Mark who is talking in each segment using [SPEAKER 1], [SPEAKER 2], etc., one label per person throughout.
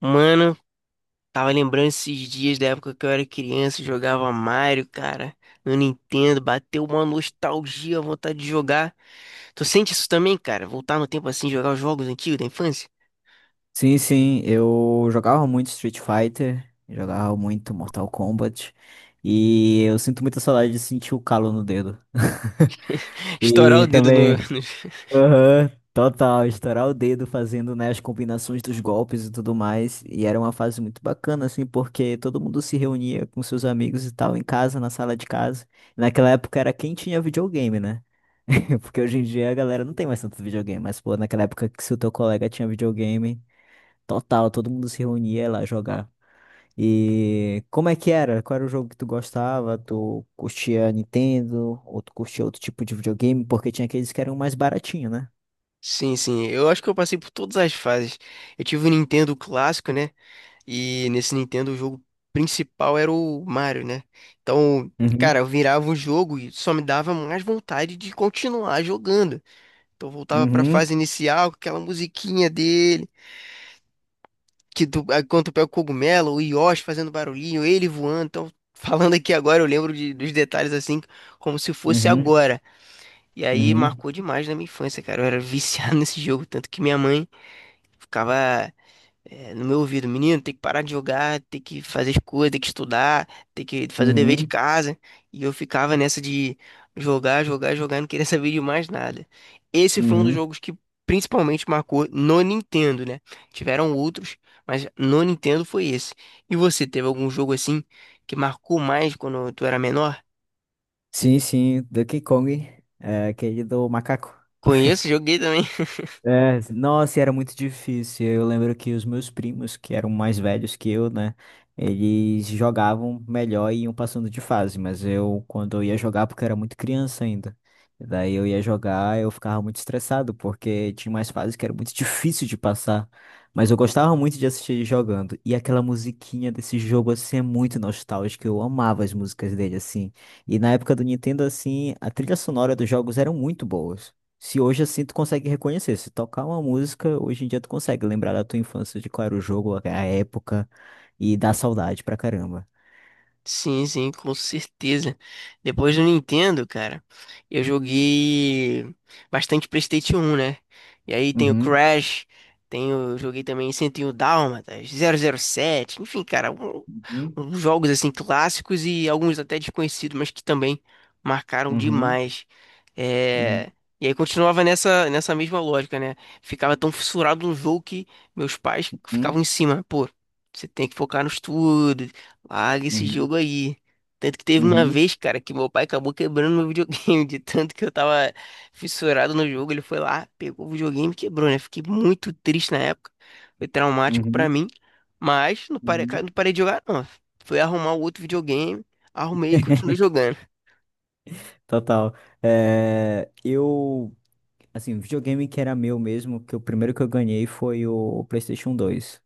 [SPEAKER 1] Mano, tava lembrando esses dias da época que eu era criança, e jogava Mario, cara, no Nintendo, bateu uma nostalgia, vontade de jogar. Tu sente isso também, cara? Voltar no tempo assim, jogar os jogos antigos da infância?
[SPEAKER 2] Sim, sim, eu jogava muito Street Fighter, jogava muito Mortal Kombat, e eu sinto muita saudade de sentir o calo no dedo.
[SPEAKER 1] Estourar
[SPEAKER 2] E
[SPEAKER 1] o dedo no...
[SPEAKER 2] também, aham, total, estourar o dedo fazendo, né, as combinações dos golpes e tudo mais. E era uma fase muito bacana, assim, porque todo mundo se reunia com seus amigos e tal, em casa, na sala de casa. Naquela época era quem tinha videogame, né? Porque hoje em dia a galera não tem mais tanto videogame, mas, pô, naquela época que se o teu colega tinha videogame. Total, todo mundo se reunia lá jogar. E como é que era? Qual era o jogo que tu gostava? Tu curtia Nintendo? Ou tu curtia outro tipo de videogame? Porque tinha aqueles que eram mais baratinho, né?
[SPEAKER 1] Sim, sim, eu acho que eu passei por todas as fases. Eu tive o Nintendo clássico, né? E nesse Nintendo o jogo principal era o Mario, né? Então, cara,
[SPEAKER 2] Uhum,
[SPEAKER 1] eu virava o jogo e só me dava mais vontade de continuar jogando. Então voltava pra
[SPEAKER 2] uhum,
[SPEAKER 1] fase inicial, com aquela musiquinha dele, que do, aí quando tu pega o cogumelo, o Yoshi fazendo barulhinho, ele voando. Então, falando aqui agora, eu lembro dos detalhes assim, como se fosse
[SPEAKER 2] uhum,
[SPEAKER 1] agora. E aí
[SPEAKER 2] uhum,
[SPEAKER 1] marcou demais na minha infância, cara. Eu era viciado nesse jogo, tanto que minha mãe ficava, é, no meu ouvido, menino, tem que parar de jogar, tem que fazer as coisas, tem que estudar, tem que fazer o dever de
[SPEAKER 2] uhum,
[SPEAKER 1] casa. E eu ficava nessa de jogar, jogar, jogar, não queria saber de mais nada. Esse foi um dos
[SPEAKER 2] uhum.
[SPEAKER 1] jogos que principalmente marcou no Nintendo, né? Tiveram outros, mas no Nintendo foi esse. E você teve algum jogo assim que marcou mais quando tu era menor?
[SPEAKER 2] Sim, sim, Donkey Kong. É aquele do macaco.
[SPEAKER 1] Conheço, joguei também.
[SPEAKER 2] É, nossa, e era muito difícil. Eu lembro que os meus primos, que eram mais velhos que eu, né? Eles jogavam melhor e iam passando de fase, mas eu, quando eu ia jogar, porque eu era muito criança ainda. E daí eu ia jogar, eu ficava muito estressado, porque tinha umas fases que era muito difícil de passar. Mas eu gostava muito de assistir ele jogando. E aquela musiquinha desse jogo, assim, é muito nostálgica. Eu amava as músicas dele, assim. E na época do Nintendo, assim, a trilha sonora dos jogos eram muito boas. Se hoje assim tu consegue reconhecer, se tocar uma música, hoje em dia tu consegue lembrar da tua infância, de qual era o jogo, a época, e dá saudade pra caramba.
[SPEAKER 1] Sim, sim, com certeza. Depois do Nintendo, cara, eu joguei bastante PlayStation um, né? E aí tem o
[SPEAKER 2] Uhum,
[SPEAKER 1] Crash, joguei também 101 Dálmatas, 007, enfim, cara,
[SPEAKER 2] uhum,
[SPEAKER 1] uns jogos assim clássicos e alguns até desconhecidos, mas que também marcaram
[SPEAKER 2] uhum,
[SPEAKER 1] demais. É.
[SPEAKER 2] uhum,
[SPEAKER 1] E aí continuava nessa mesma lógica, né? Ficava tão fissurado no jogo que meus pais ficavam
[SPEAKER 2] uhum,
[SPEAKER 1] em cima, pô. Você tem que focar no estudo, larga esse
[SPEAKER 2] uhum,
[SPEAKER 1] jogo aí. Tanto que teve uma
[SPEAKER 2] uhum,
[SPEAKER 1] vez, cara, que meu pai acabou quebrando meu videogame, de tanto que eu tava fissurado no jogo. Ele foi lá, pegou o videogame e quebrou, né? Fiquei muito triste na época. Foi traumático pra
[SPEAKER 2] uhum,
[SPEAKER 1] mim. Mas não parei,
[SPEAKER 2] uhum.
[SPEAKER 1] não parei de jogar, não. Fui arrumar o outro videogame, arrumei e continuei jogando.
[SPEAKER 2] Total. É, eu, assim, videogame que era meu mesmo, que o primeiro que eu ganhei foi o PlayStation dois.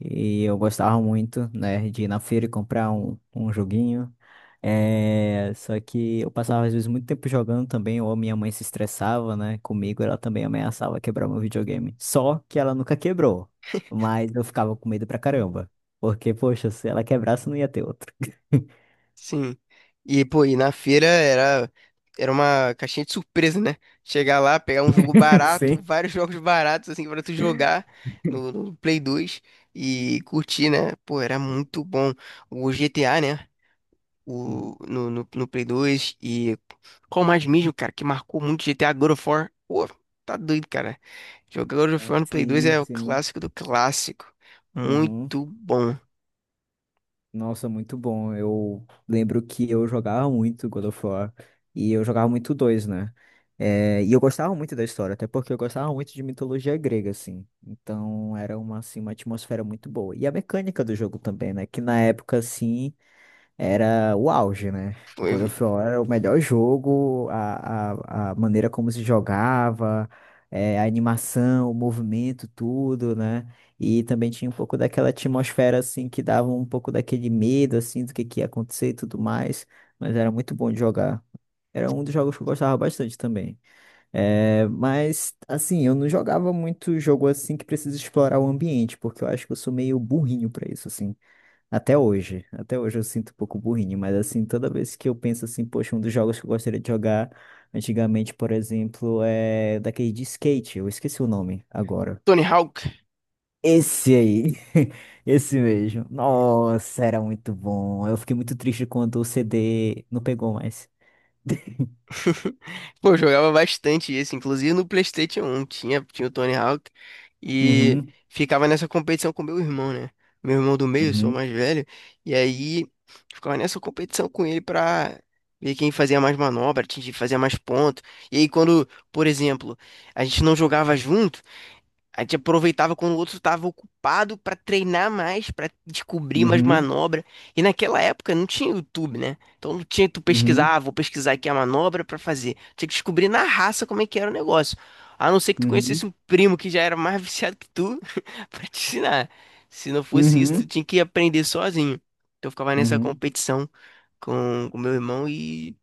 [SPEAKER 2] E eu gostava muito, né, de ir na feira e comprar um joguinho. É, só que eu passava às vezes muito tempo jogando também, ou minha mãe se estressava, né, comigo, ela também ameaçava quebrar meu videogame. Só que ela nunca quebrou, mas eu ficava com medo pra caramba. Porque, poxa, se ela quebrasse, não ia ter outro.
[SPEAKER 1] Sim. E, pô, e na feira era, era uma caixinha de surpresa, né? Chegar lá, pegar um jogo barato,
[SPEAKER 2] Sim.
[SPEAKER 1] vários jogos baratos, assim, pra tu jogar no Play 2 e curtir, né? Pô, era muito bom. O GTA, né? O,
[SPEAKER 2] Uhum.
[SPEAKER 1] no, no, no Play 2 e qual mais mesmo, cara, que marcou muito, GTA, God of War? Pô, tá doido, cara. Jogar God of
[SPEAKER 2] É,
[SPEAKER 1] War no Play 2
[SPEAKER 2] sim,
[SPEAKER 1] é o
[SPEAKER 2] sim.
[SPEAKER 1] clássico do clássico.
[SPEAKER 2] Uhum.
[SPEAKER 1] Muito bom.
[SPEAKER 2] Nossa, muito bom. Eu lembro que eu jogava muito God of War e eu jogava muito dois, né? É, e eu gostava muito da história, até porque eu gostava muito de mitologia grega, assim. Então era uma, assim, uma atmosfera muito boa. E a mecânica do jogo também, né? Que na época, assim, era o auge, né?
[SPEAKER 1] Foi
[SPEAKER 2] God of War era o melhor jogo, a maneira como se jogava, a animação, o movimento, tudo, né? E também tinha um pouco daquela atmosfera, assim, que dava um pouco daquele medo, assim, do que ia acontecer e tudo mais. Mas era muito bom de jogar. Era um dos jogos que eu gostava bastante também. Mas, assim, eu não jogava muito jogo assim que precisa explorar o ambiente, porque eu acho que eu sou meio burrinho pra isso, assim. Até hoje eu sinto um pouco burrinho, mas assim, toda vez que eu penso assim, poxa, um dos jogos que eu gostaria de jogar antigamente, por exemplo, é daquele de skate, eu esqueci o nome agora.
[SPEAKER 1] Tony Hawk.
[SPEAKER 2] Esse aí, esse mesmo. Nossa, era muito bom. Eu fiquei muito triste quando o CD não pegou mais.
[SPEAKER 1] Pô, eu jogava bastante esse, inclusive no PlayStation 1 tinha o Tony Hawk e
[SPEAKER 2] Uhum,
[SPEAKER 1] ficava nessa competição com meu irmão, né? Meu irmão do meio, eu sou o
[SPEAKER 2] uhum,
[SPEAKER 1] mais velho, e aí ficava nessa competição com ele pra ver quem fazia mais manobra, atingir, fazia mais ponto. E aí quando, por exemplo, a gente não jogava junto, a gente aproveitava quando o outro estava ocupado para treinar mais, para descobrir mais
[SPEAKER 2] uhum,
[SPEAKER 1] manobra. E naquela época não tinha YouTube, né? Então não tinha que tu pesquisar,
[SPEAKER 2] uhum,
[SPEAKER 1] ah, vou pesquisar aqui a manobra para fazer. Tinha que descobrir na raça como é que era o negócio. A não ser que tu
[SPEAKER 2] uhum,
[SPEAKER 1] conhecesse um primo que já era mais viciado que tu para te ensinar. Se não fosse isso, tu
[SPEAKER 2] uhum,
[SPEAKER 1] tinha que aprender sozinho. Então eu ficava nessa
[SPEAKER 2] uhum,
[SPEAKER 1] competição com o meu irmão e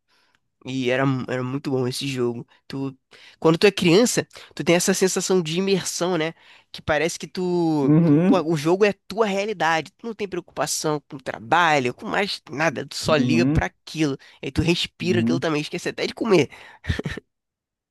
[SPEAKER 1] e era, mu- era muito bom esse jogo. Tu, quando tu é criança, tu tem essa sensação de imersão, né? Que parece que tu, pô,
[SPEAKER 2] uhum,
[SPEAKER 1] o jogo é a tua realidade. Tu não tem preocupação com trabalho, com mais nada. Tu só liga pra
[SPEAKER 2] uhum,
[SPEAKER 1] aquilo. Aí tu respira aquilo
[SPEAKER 2] uhum.
[SPEAKER 1] também. Esquece até de comer.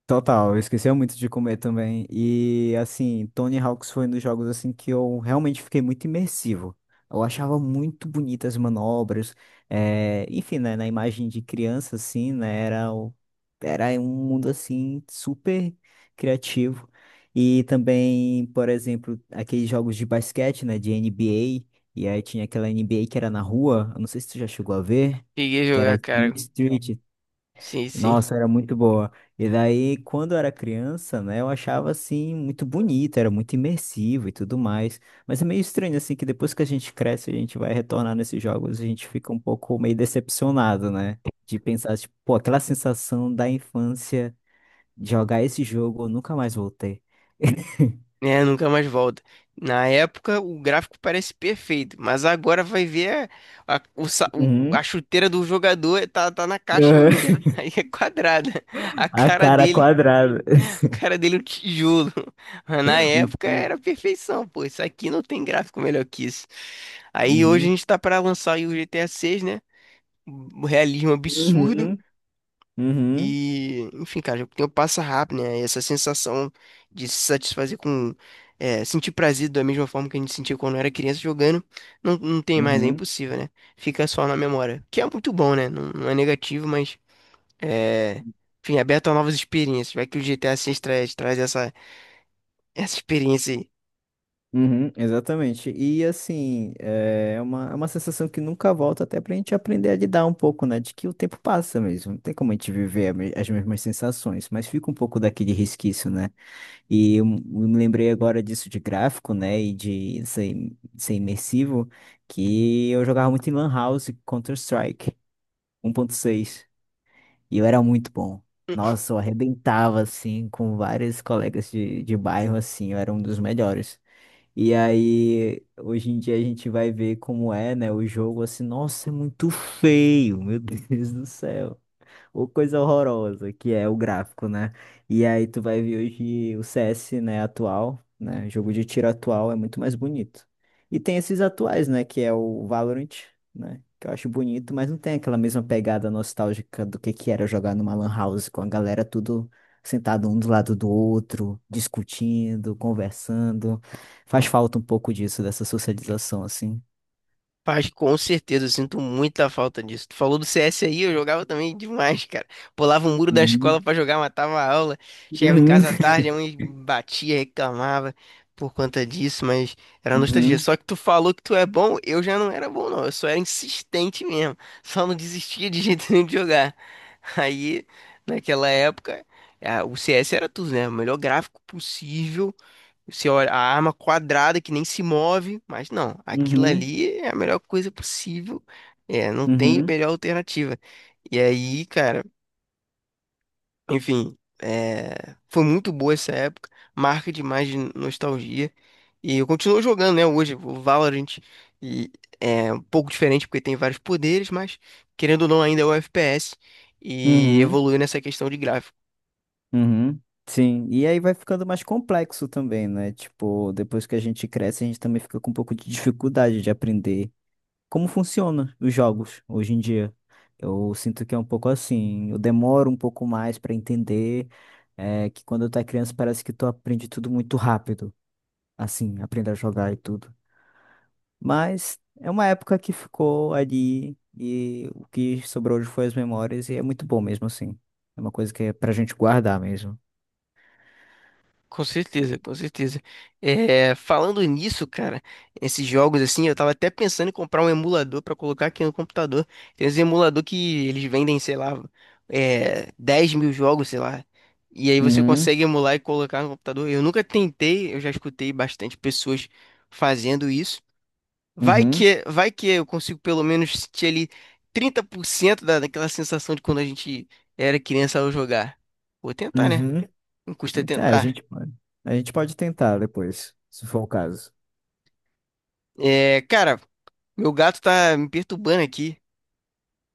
[SPEAKER 2] Total, eu esquecia muito de comer também. E assim, Tony Hawk's foi um dos jogos assim que eu realmente fiquei muito imersivo. Eu achava muito bonitas as manobras. Enfim, né, na imagem de criança, assim, né, era um mundo assim super criativo. E também, por exemplo, aqueles jogos de basquete, né, de NBA. E aí tinha aquela NBA que era na rua. Eu não sei se tu já chegou a ver,
[SPEAKER 1] Cheguei a
[SPEAKER 2] que era
[SPEAKER 1] jogar, cara.
[SPEAKER 2] Street.
[SPEAKER 1] Sim, sim.
[SPEAKER 2] Nossa, era muito boa. E daí, quando eu era criança, né, eu achava assim muito bonito, era muito imersivo e tudo mais. Mas é meio estranho assim que depois que a gente cresce, a gente vai retornar nesses jogos, a gente fica um pouco meio decepcionado, né? De pensar, tipo, pô, aquela sensação da infância de jogar esse jogo, eu nunca mais voltei.
[SPEAKER 1] É, nunca mais volta. Na época, o gráfico parece perfeito, mas agora vai ver a, o sa- o- a
[SPEAKER 2] Uhum.
[SPEAKER 1] chuteira do jogador tá na caixa
[SPEAKER 2] Uhum.
[SPEAKER 1] ainda. Aí é quadrada. A
[SPEAKER 2] A
[SPEAKER 1] cara
[SPEAKER 2] cara
[SPEAKER 1] dele.
[SPEAKER 2] quadrada.
[SPEAKER 1] Cara dele é um tijolo. Mas na época
[SPEAKER 2] Muito-
[SPEAKER 1] era perfeição, pô. Isso aqui não tem gráfico melhor que isso. Aí hoje a
[SPEAKER 2] Uhum.
[SPEAKER 1] gente tá pra lançar aí o GTA 6, né? O realismo absurdo.
[SPEAKER 2] Uhum. Uhum.
[SPEAKER 1] E, enfim, cara, o tempo passa rápido, né? E essa sensação de se satisfazer com, é, sentir prazer da mesma forma que a gente sentia quando era criança jogando, não, não tem mais, é
[SPEAKER 2] Uhum.
[SPEAKER 1] impossível, né? Fica só na memória. Que é muito bom, né? Não, não é negativo, mas. É, enfim, é aberto a novas experiências. Vai que o GTA 6 traz essa experiência aí.
[SPEAKER 2] Uhum, exatamente. E assim, é uma sensação que nunca volta até pra gente aprender a lidar um pouco, né? De que o tempo passa mesmo. Não tem como a gente viver as mesmas sensações, mas fica um pouco daquele resquício, né? E eu me lembrei agora disso de gráfico, né? E de ser imersivo, que eu jogava muito em Lan House Counter-Strike 1.6. E eu era muito bom. Nossa, eu arrebentava, assim, com vários colegas de bairro, assim, eu era um dos melhores. E aí, hoje em dia a gente vai ver como é, né, o jogo assim, nossa, é muito feio, meu Deus do céu. Ou coisa horrorosa, que é o gráfico, né? E aí tu vai ver hoje o CS, né, atual, né? Jogo de tiro atual é muito mais bonito. E tem esses atuais, né, que é o Valorant, né? Que eu acho bonito, mas não tem aquela mesma pegada nostálgica do que era jogar numa lan house com a galera tudo sentado um do lado do outro, discutindo, conversando. Faz falta um pouco disso, dessa socialização, assim.
[SPEAKER 1] Faz, com certeza, eu sinto muita falta disso. Tu falou do CS aí, eu jogava também demais, cara. Pulava o muro da
[SPEAKER 2] Uhum,
[SPEAKER 1] escola pra jogar, matava a aula. Chegava em
[SPEAKER 2] uhum,
[SPEAKER 1] casa à tarde, a mãe batia, reclamava por conta disso, mas era nostalgia.
[SPEAKER 2] uhum,
[SPEAKER 1] Só que tu falou que tu é bom, eu já não era bom, não. Eu só era insistente mesmo. Só não desistia de jeito nenhum de jogar. Aí, naquela época, ah, o CS era tudo, né? O melhor gráfico possível. Você olha a arma quadrada que nem se move, mas não, aquilo
[SPEAKER 2] uhum,
[SPEAKER 1] ali é a melhor coisa possível. É, não tem
[SPEAKER 2] uhum,
[SPEAKER 1] melhor alternativa. E aí, cara, enfim, é, foi muito boa essa época, marca demais de nostalgia. E eu continuo jogando, né, hoje, o Valorant. E é um pouco diferente porque tem vários poderes, mas querendo ou não, ainda é o FPS e
[SPEAKER 2] uhum.
[SPEAKER 1] evoluiu nessa questão de gráfico.
[SPEAKER 2] Uhum, sim, e aí vai ficando mais complexo também, né? Tipo, depois que a gente cresce, a gente também fica com um pouco de dificuldade de aprender como funciona os jogos hoje em dia. Eu sinto que é um pouco assim, eu demoro um pouco mais para entender, é, que quando eu tá criança parece que tu aprende tudo muito rápido, assim, aprender a jogar e tudo. Mas é uma época que ficou ali e o que sobrou hoje foi as memórias e é muito bom mesmo assim. É uma coisa que é pra gente guardar mesmo.
[SPEAKER 1] Com certeza, com certeza. É, falando nisso, cara, esses jogos assim, eu tava até pensando em comprar um emulador pra colocar aqui no computador. Tem uns emulador que eles vendem, sei lá, é, 10 mil jogos, sei lá. E aí você
[SPEAKER 2] Uhum,
[SPEAKER 1] consegue emular e colocar no computador. Eu nunca tentei, eu já escutei bastante pessoas fazendo isso. Vai
[SPEAKER 2] uhum,
[SPEAKER 1] que, vai que eu consigo pelo menos sentir ali 30% da, daquela sensação de quando a gente era criança ao jogar. Vou tentar, né?
[SPEAKER 2] uhum.
[SPEAKER 1] Não custa
[SPEAKER 2] Tá, a
[SPEAKER 1] tentar.
[SPEAKER 2] gente pode. A gente pode tentar depois, se for o caso.
[SPEAKER 1] É, cara, meu gato tá me perturbando aqui.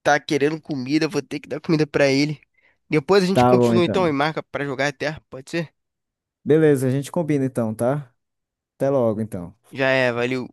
[SPEAKER 1] Tá querendo comida, vou ter que dar comida pra ele. Depois a gente
[SPEAKER 2] Tá bom,
[SPEAKER 1] continua então e
[SPEAKER 2] então.
[SPEAKER 1] marca pra jogar até, pode ser?
[SPEAKER 2] Beleza, a gente combina então, tá? Até logo, então.
[SPEAKER 1] Já é, valeu.